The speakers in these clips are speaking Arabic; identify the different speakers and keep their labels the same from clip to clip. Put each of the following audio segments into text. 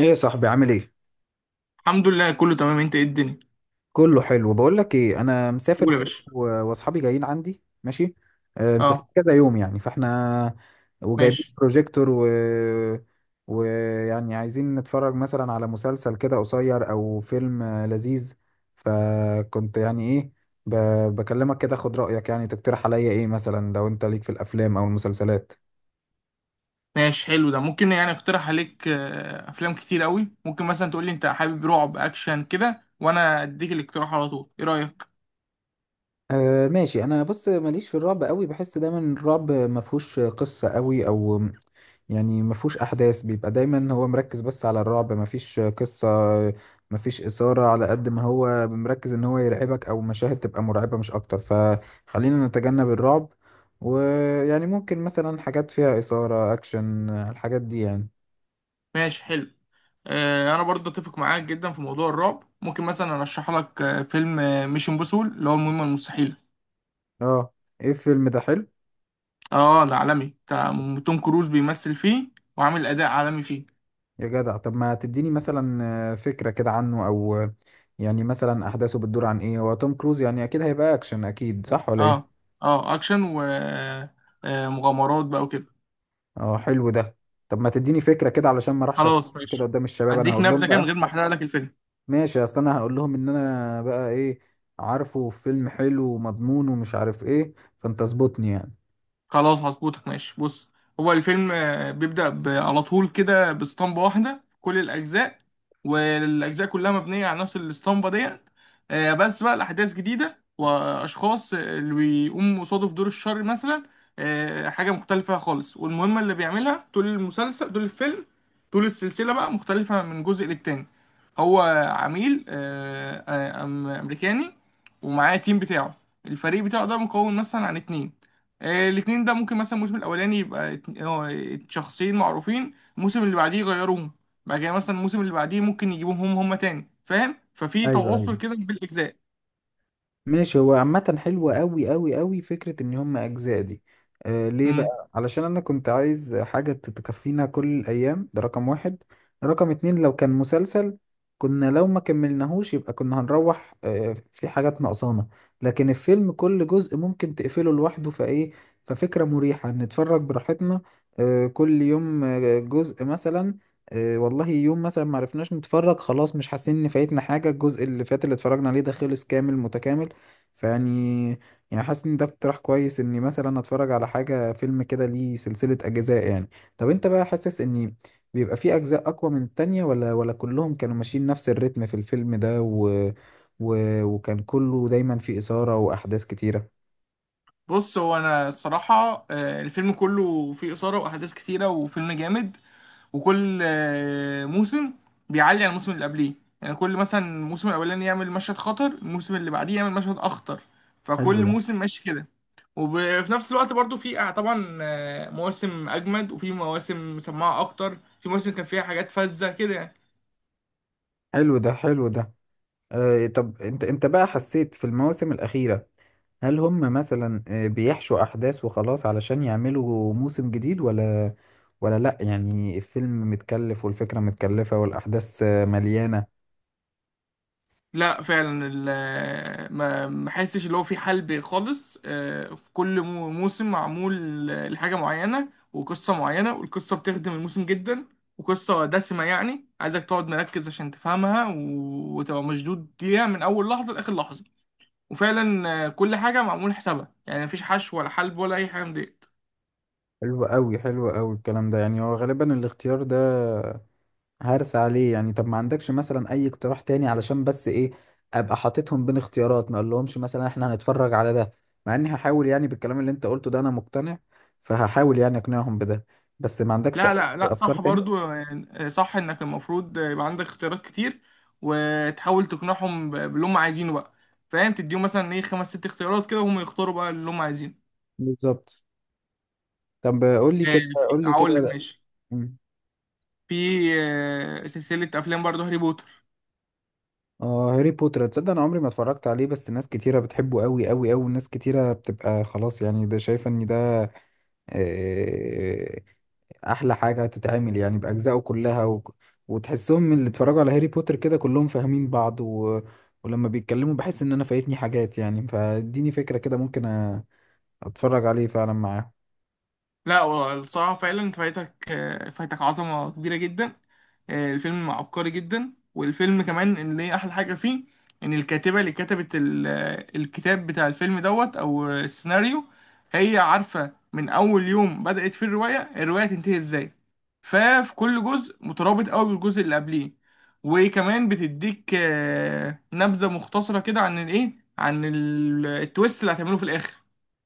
Speaker 1: ايه يا صاحبي عامل ايه؟
Speaker 2: الحمد لله، كله تمام. انت، ايه الدنيا؟
Speaker 1: كله حلو. بقول لك ايه، انا مسافر
Speaker 2: قول يا
Speaker 1: كده
Speaker 2: باشا.
Speaker 1: واصحابي جايين عندي، ماشي. مسافرين
Speaker 2: اه.
Speaker 1: كذا يوم يعني، فاحنا وجايبين
Speaker 2: ماشي.
Speaker 1: بروجيكتور و ويعني عايزين نتفرج مثلا على مسلسل كده قصير او فيلم لذيذ. فكنت يعني ايه ب... بكلمك كده، خد رأيك يعني، تقترح عليا ايه مثلا لو انت ليك في الافلام او المسلسلات.
Speaker 2: ماشي حلو. ده ممكن يعني اقترح عليك افلام كتير قوي. ممكن مثلا تقول لي انت حابب رعب، اكشن كده، وانا اديك الاقتراح على طول. ايه رايك؟
Speaker 1: أه ماشي. انا بص ماليش في الرعب قوي، بحس دايما الرعب ما فيهوش قصة قوي، او يعني ما فيهوش احداث، بيبقى دايما هو مركز بس على الرعب، ما فيش قصة، ما فيش إثارة، على قد ما هو مركز ان هو يرعبك او مشاهد تبقى مرعبة مش اكتر. فخلينا نتجنب الرعب، ويعني ممكن مثلا حاجات فيها إثارة، اكشن، الحاجات دي يعني.
Speaker 2: ماشي حلو. انا برضه اتفق معاك جدا في موضوع الرعب. ممكن مثلا ارشح لك فيلم ميشن امبوسول، اللي هو المهمه المستحيله.
Speaker 1: اه، ايه الفيلم ده؟ حلو.
Speaker 2: اه، ده عالمي بتاع توم كروز. بيمثل فيه، وعامل اداء عالمي فيه.
Speaker 1: يا جدع، طب ما تديني مثلا فكرة كده عنه، او يعني مثلا احداثه بتدور عن ايه؟ هو توم كروز يعني اكيد هيبقى اكشن اكيد، صح ولا
Speaker 2: اه،
Speaker 1: ايه؟
Speaker 2: اه، اكشن و مغامرات بقى وكده.
Speaker 1: اه حلو ده. طب ما تديني فكرة كده علشان ما اروحش
Speaker 2: خلاص،
Speaker 1: أتكلم كده
Speaker 2: ماشي.
Speaker 1: قدام الشباب، انا
Speaker 2: هديك
Speaker 1: هقول لهم
Speaker 2: نبذه كده من
Speaker 1: بقى.
Speaker 2: غير ما احرق لك الفيلم.
Speaker 1: ماشي، اصل انا هقول لهم ان انا بقى ايه، عارفه فيلم حلو ومضمون ومش عارف ايه، فانت اظبطني يعني.
Speaker 2: خلاص، هظبطك. ماشي، بص. هو الفيلم بيبدأ على طول كده باسطمبة واحدة كل الأجزاء. والأجزاء كلها مبنية على نفس الاسطمبة ديت. بس بقى الأحداث جديدة، وأشخاص اللي بيقوموا قصاده في دور الشر مثلا. حاجة مختلفة خالص. والمهمة اللي بيعملها طول المسلسل، طول الفيلم، طول السلسلة بقى، مختلفة من جزء للتاني. هو عميل أمريكاني، ومعاه تيم بتاعه، الفريق بتاعه ده مكون مثلا عن اتنين. الاتنين ده، ممكن مثلا الموسم الاولاني يبقى شخصين معروفين، الموسم اللي بعديه يغيروهم. بعد كده مثلا الموسم اللي بعديه ممكن يجيبوهم هم، هما تاني. فاهم؟ ففي
Speaker 1: ايوه ايوه.
Speaker 2: تواصل كده بالاجزاء.
Speaker 1: ماشي، هو عامة حلوة أوي أوي أوي فكرة إن هم أجزاء دي. آه ليه
Speaker 2: مم.
Speaker 1: بقى؟ علشان أنا كنت عايز حاجة تكفينا كل الأيام، ده رقم واحد. رقم اتنين، لو كان مسلسل كنا لو ما كملناهوش يبقى كنا هنروح آه في حاجات ناقصانا، لكن الفيلم كل جزء ممكن تقفله لوحده، فإيه، ففكرة مريحة نتفرج براحتنا، آه كل يوم جزء مثلا. والله يوم مثلا ما عرفناش نتفرج خلاص، مش حاسين ان فايتنا حاجه، الجزء اللي فات اللي اتفرجنا عليه ده خلص كامل متكامل. فيعني، يعني حاسس ان ده اقتراح كويس اني مثلا اتفرج على حاجه فيلم كده ليه سلسله اجزاء يعني. طب انت بقى حاسس ان بيبقى فيه اجزاء اقوى من التانية، ولا كلهم كانوا ماشيين نفس الريتم في الفيلم ده وكان كله دايما فيه اثاره واحداث كتيره؟
Speaker 2: بص، هو انا الصراحه الفيلم كله فيه اثاره واحداث كتيره، وفيلم جامد. وكل موسم بيعلي عن الموسم اللي قبليه. يعني كل مثلا الموسم الاولاني يعمل مشهد خطر، الموسم اللي بعديه يعمل مشهد اخطر.
Speaker 1: حلو
Speaker 2: فكل
Speaker 1: ده،
Speaker 2: موسم ماشي كده. وفي نفس الوقت برضو في طبعا مواسم اجمد، وفي مواسم مسمعه اكتر، في مواسم كان فيها حاجات فذة كده يعني.
Speaker 1: حلو ده، حلو ده. آه طب انت بقى حسيت في المواسم الاخيره، هل هم مثلا بيحشوا احداث وخلاص علشان يعملوا موسم جديد، ولا لا يعني الفيلم متكلف والفكرة متكلفة والاحداث مليانة؟
Speaker 2: لا فعلا، ما حسش اللي هو في حل خالص. في كل موسم معمول لحاجة معينة وقصة معينة، والقصة بتخدم الموسم جدا. وقصة دسمة، يعني عايزك تقعد مركز عشان تفهمها، و- وتبقى مشدود ليها من أول لحظة لآخر لحظة. وفعلا، كل حاجة معمول حسابها. يعني مفيش حشو ولا حلب ولا أي حاجة من دي.
Speaker 1: حلو قوي، حلو قوي الكلام ده يعني، هو غالبا الاختيار ده هرس عليه يعني. طب ما عندكش مثلا اي اقتراح تاني، علشان بس ايه، ابقى حاططهم بين اختيارات، ما اقولهمش مثلا احنا هنتفرج على ده، مع اني هحاول يعني بالكلام اللي انت قلته ده انا مقتنع، فهحاول يعني اقنعهم بده، بس ما عندكش
Speaker 2: لا،
Speaker 1: اي
Speaker 2: لا، لا،
Speaker 1: افكار
Speaker 2: صح
Speaker 1: تاني؟
Speaker 2: برضو. يعني صح انك المفروض يبقى عندك اختيارات كتير، وتحاول تقنعهم باللي هم عايزينه بقى. فاهم؟ تديهم مثلا ايه، خمس ست اختيارات كده، وهم يختاروا بقى اللي هم عايزينه.
Speaker 1: بالظبط. طب قول لي كده. قول لي كده.
Speaker 2: هقول لك،
Speaker 1: لا.
Speaker 2: ماشي.
Speaker 1: مم.
Speaker 2: في سلسلة افلام برضو، هاري بوتر.
Speaker 1: اه هاري بوتر، تصدق انا عمري ما اتفرجت عليه، بس ناس كتيره بتحبه قوي قوي قوي، ناس كتيره بتبقى خلاص يعني ده شايفه ان ده آه، احلى حاجه تتعمل يعني باجزائه كلها وتحسهم من اللي اتفرجوا على هاري بوتر كده كلهم فاهمين بعض ولما بيتكلموا بحس ان انا فايتني حاجات يعني، فاديني فكره كده ممكن اتفرج عليه فعلا معاه.
Speaker 2: لا، هو الصراحة فعلا انت فايتك عظمة كبيرة جدا. الفيلم عبقري جدا. والفيلم كمان، اللي هي أحلى حاجة فيه، إن الكاتبة اللي كتبت الكتاب بتاع الفيلم دوت، أو السيناريو، هي عارفة من أول يوم بدأت فيه الرواية، الرواية تنتهي إزاي. ففي كل جزء مترابط أوي بالجزء اللي قبليه. وكمان بتديك نبذة مختصرة كده عن الإيه، عن التويست اللي هتعمله في الآخر.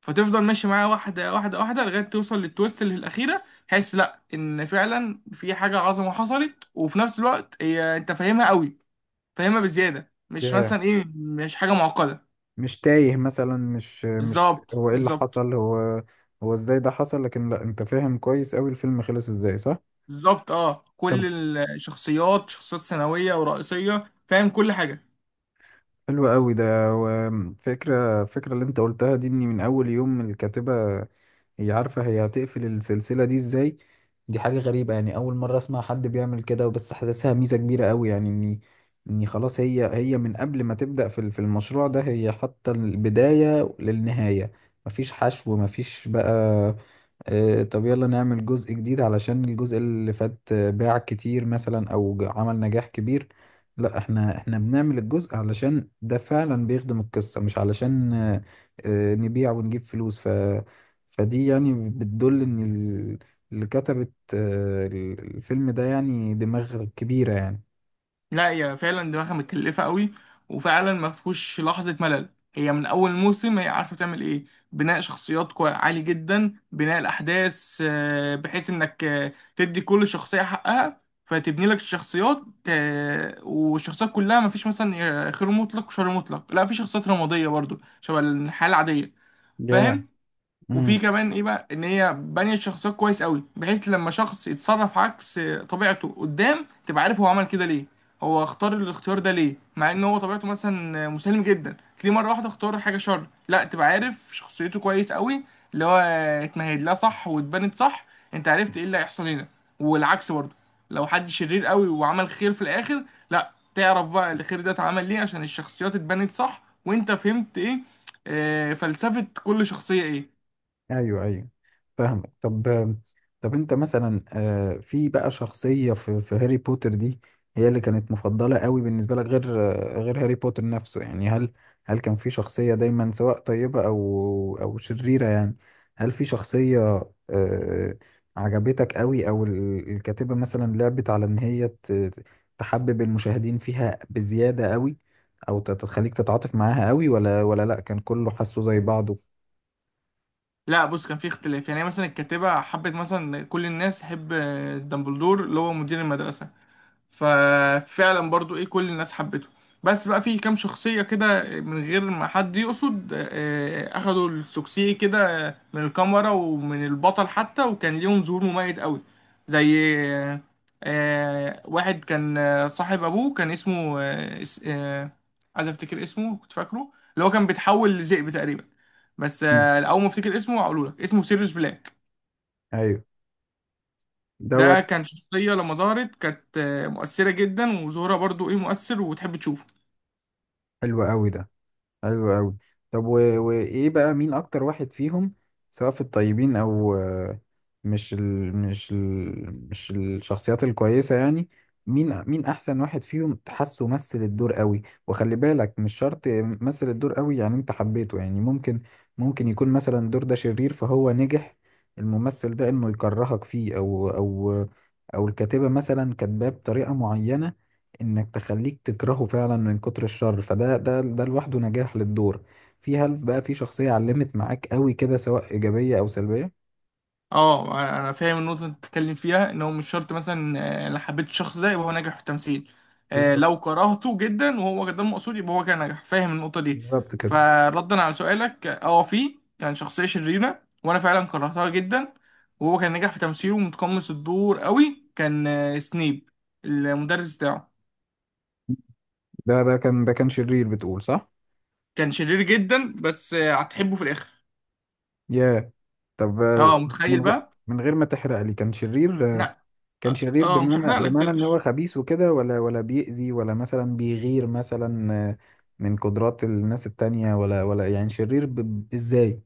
Speaker 2: فتفضل ماشي معاها واحدة واحدة واحدة لغاية توصل للتويست اللي الأخيرة، تحس لأ إن فعلا في حاجة عظمة حصلت. وفي نفس الوقت هي أنت فاهمها قوي، فاهمها بزيادة، مش مثلا إيه، مش حاجة معقدة.
Speaker 1: مش تايه مثلا، مش مش
Speaker 2: بالظبط،
Speaker 1: هو ايه اللي
Speaker 2: بالظبط،
Speaker 1: حصل، هو ازاي ده حصل، لكن لا انت فاهم كويس قوي الفيلم خلص ازاي، صح.
Speaker 2: بالظبط. أه،
Speaker 1: طب
Speaker 2: كل الشخصيات، شخصيات ثانوية ورئيسية، فاهم كل حاجة.
Speaker 1: حلو قوي ده. وفكرة اللي انت قلتها دي، اني من اول يوم الكاتبة هي عارفة هي هتقفل السلسلة دي ازاي، دي حاجة غريبة يعني، اول مرة اسمع حد بيعمل كده، وبس حاسسها ميزة كبيرة قوي يعني، اني خلاص هي من قبل ما تبدأ في في المشروع ده هي حاطة البداية للنهاية، مفيش حشو، مفيش بقى طب يلا نعمل جزء جديد علشان الجزء اللي فات باع كتير مثلا، او عمل نجاح كبير. لا احنا، بنعمل الجزء علشان ده فعلا بيخدم القصة، مش علشان نبيع ونجيب فلوس، ف فدي يعني بتدل ان اللي كتبت الفيلم ده يعني دماغ كبيرة يعني.
Speaker 2: لا، هي فعلا دماغها متكلفة قوي. وفعلا ما فيهوش لحظة ملل. هي من أول موسم، هي عارفة تعمل إيه. بناء شخصيات عالي جدا، بناء الأحداث بحيث إنك تدي كل شخصية حقها، فتبني لك الشخصيات. والشخصيات كلها ما فيش مثلا خير مطلق وشر مطلق، لا، في شخصيات رمادية برضو شبه الحالة العادية.
Speaker 1: ياه.
Speaker 2: فاهم.
Speaker 1: yeah.
Speaker 2: وفي كمان ايه بقى، ان هي بانيه الشخصيات كويس قوي، بحيث لما شخص يتصرف عكس طبيعته قدام تبقى عارف هو عمل كده ليه. هو اختار الاختيار ده ليه؟ مع ان هو طبيعته مثلا مسالم جدا، تلاقيه مره واحده اختار حاجه شر، لا، تبقى عارف شخصيته كويس قوي، اللي هو اتمهد لها صح واتبنت صح، انت عرفت ايه اللي هيحصل هنا. والعكس برضه، لو حد شرير قوي وعمل خير في الاخر، لا، تعرف بقى الخير ده اتعمل ليه، عشان الشخصيات اتبنت صح وانت فهمت ايه، فلسفة كل شخصية ايه.
Speaker 1: ايوه ايوه، فاهمك. طب، طب انت مثلا في بقى شخصية في في هاري بوتر دي هي اللي كانت مفضلة قوي بالنسبة لك، غير غير هاري بوتر نفسه يعني، هل هل كان في شخصية دايما سواء طيبة او او شريرة يعني، هل في شخصية آه، عجبتك قوي، او الكاتبة مثلا لعبت على ان هي تحبب المشاهدين فيها بزيادة قوي، او تخليك تتعاطف معاها قوي، ولا لا كان كله حاسه زي بعضه؟
Speaker 2: لا بص، كان في اختلاف. يعني مثلا الكاتبة حبت مثلا كل الناس تحب دامبلدور، اللي هو مدير المدرسة. ففعلا برضو ايه، كل الناس حبته. بس بقى في كام شخصية كده، من غير ما حد يقصد، اخدوا السوكسيه كده من الكاميرا ومن البطل حتى، وكان ليهم ظهور مميز قوي. زي واحد كان صاحب ابوه، كان اسمه عايز افتكر اسمه، كنت فاكره، اللي هو كان بيتحول لذئب تقريبا. بس
Speaker 1: مم.
Speaker 2: اول ما افتكر اسمه هقوله لك. اسمه سيريوس بلاك.
Speaker 1: ايوه.
Speaker 2: ده
Speaker 1: دوت.
Speaker 2: كان شخصية، لما ظهرت كانت مؤثرة جدا، وظهورها برضو ايه مؤثر، وتحب تشوفه.
Speaker 1: حلو قوي ده، حلو قوي. طب وايه بقى، مين اكتر واحد فيهم، سواء في الطيبين او مش الشخصيات الكويسة يعني، مين احسن واحد فيهم تحسه مثل الدور قوي؟ وخلي بالك مش شرط مثل الدور قوي يعني انت حبيته يعني، ممكن يكون مثلا الدور ده شرير فهو نجح الممثل ده انه يكرهك فيه، او الكاتبة مثلا كاتباه بطريقة معينة انك تخليك تكرهه فعلا من كتر الشر، فده ده ده لوحده نجاح للدور. في، هل بقى في شخصية علمت معاك قوي كده سواء إيجابية أو سلبية؟
Speaker 2: اه، انا فاهم النقطة اللي انت بتتكلم فيها. ان هو مش شرط مثلا، لو حبيت الشخص ده يبقى هو ناجح في التمثيل.
Speaker 1: بالظبط،
Speaker 2: لو كرهته جدا وهو ده المقصود يبقى هو كان ناجح. فاهم النقطة دي؟
Speaker 1: بالظبط كده.
Speaker 2: فردا على سؤالك، اه، في كان شخصية شريرة وانا فعلا كرهتها جدا، وهو كان ناجح في تمثيله ومتقمص الدور قوي. كان سنيب، المدرس بتاعه.
Speaker 1: ده، ده كان شرير بتقول، صح؟
Speaker 2: كان شرير جدا، بس هتحبه في الاخر.
Speaker 1: يا، طب
Speaker 2: اه،
Speaker 1: من
Speaker 2: متخيل
Speaker 1: غير،
Speaker 2: بقى.
Speaker 1: من غير ما تحرق لي، كان شرير
Speaker 2: لا،
Speaker 1: كان
Speaker 2: اه،
Speaker 1: شرير
Speaker 2: مش
Speaker 1: بمعنى،
Speaker 2: هحرق لك،
Speaker 1: بمعنى ان هو
Speaker 2: متقلقش.
Speaker 1: خبيث وكده، ولا بيأذي، ولا مثلا بيغير مثلا من قدرات الناس التانية، ولا يعني شرير ازاي؟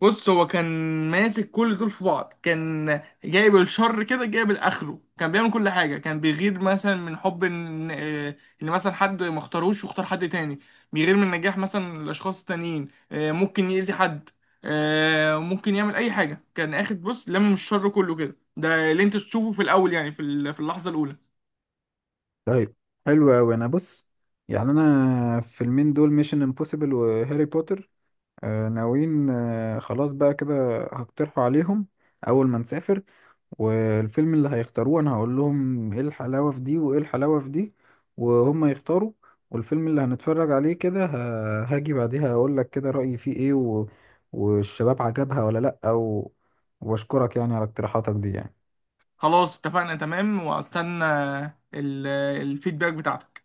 Speaker 2: بص، هو كان ماسك كل دول في بعض. كان جايب الشر كده، جايب الاخره. كان بيعمل كل حاجه. كان بيغير مثلا من حب ان مثلا حد ما اختاروش واختار حد تاني. بيغير من نجاح مثلا الاشخاص التانيين، ممكن يأذي حد، ممكن يعمل اي حاجه. كان اخد، بص، لم الشر كله كده. ده اللي انت تشوفه في الاول، يعني في اللحظه الاولى.
Speaker 1: طيب، حلو أوي. أنا بص، يعني أنا الفيلمين دول ميشن امبوسيبل وهاري بوتر آه ناويين آه خلاص بقى كده هقترحوا عليهم أول ما نسافر، والفيلم اللي هيختاروه أنا هقول لهم إيه الحلاوة في دي وإيه الحلاوة في دي، وهم يختاروا، والفيلم اللي هنتفرج عليه كده هاجي بعديها أقول لك كده رأيي فيه إيه والشباب عجبها ولا لأ وأشكرك يعني على اقتراحاتك دي يعني.
Speaker 2: خلاص، اتفقنا تمام. واستنى ال- الفيدباك بتاعتك.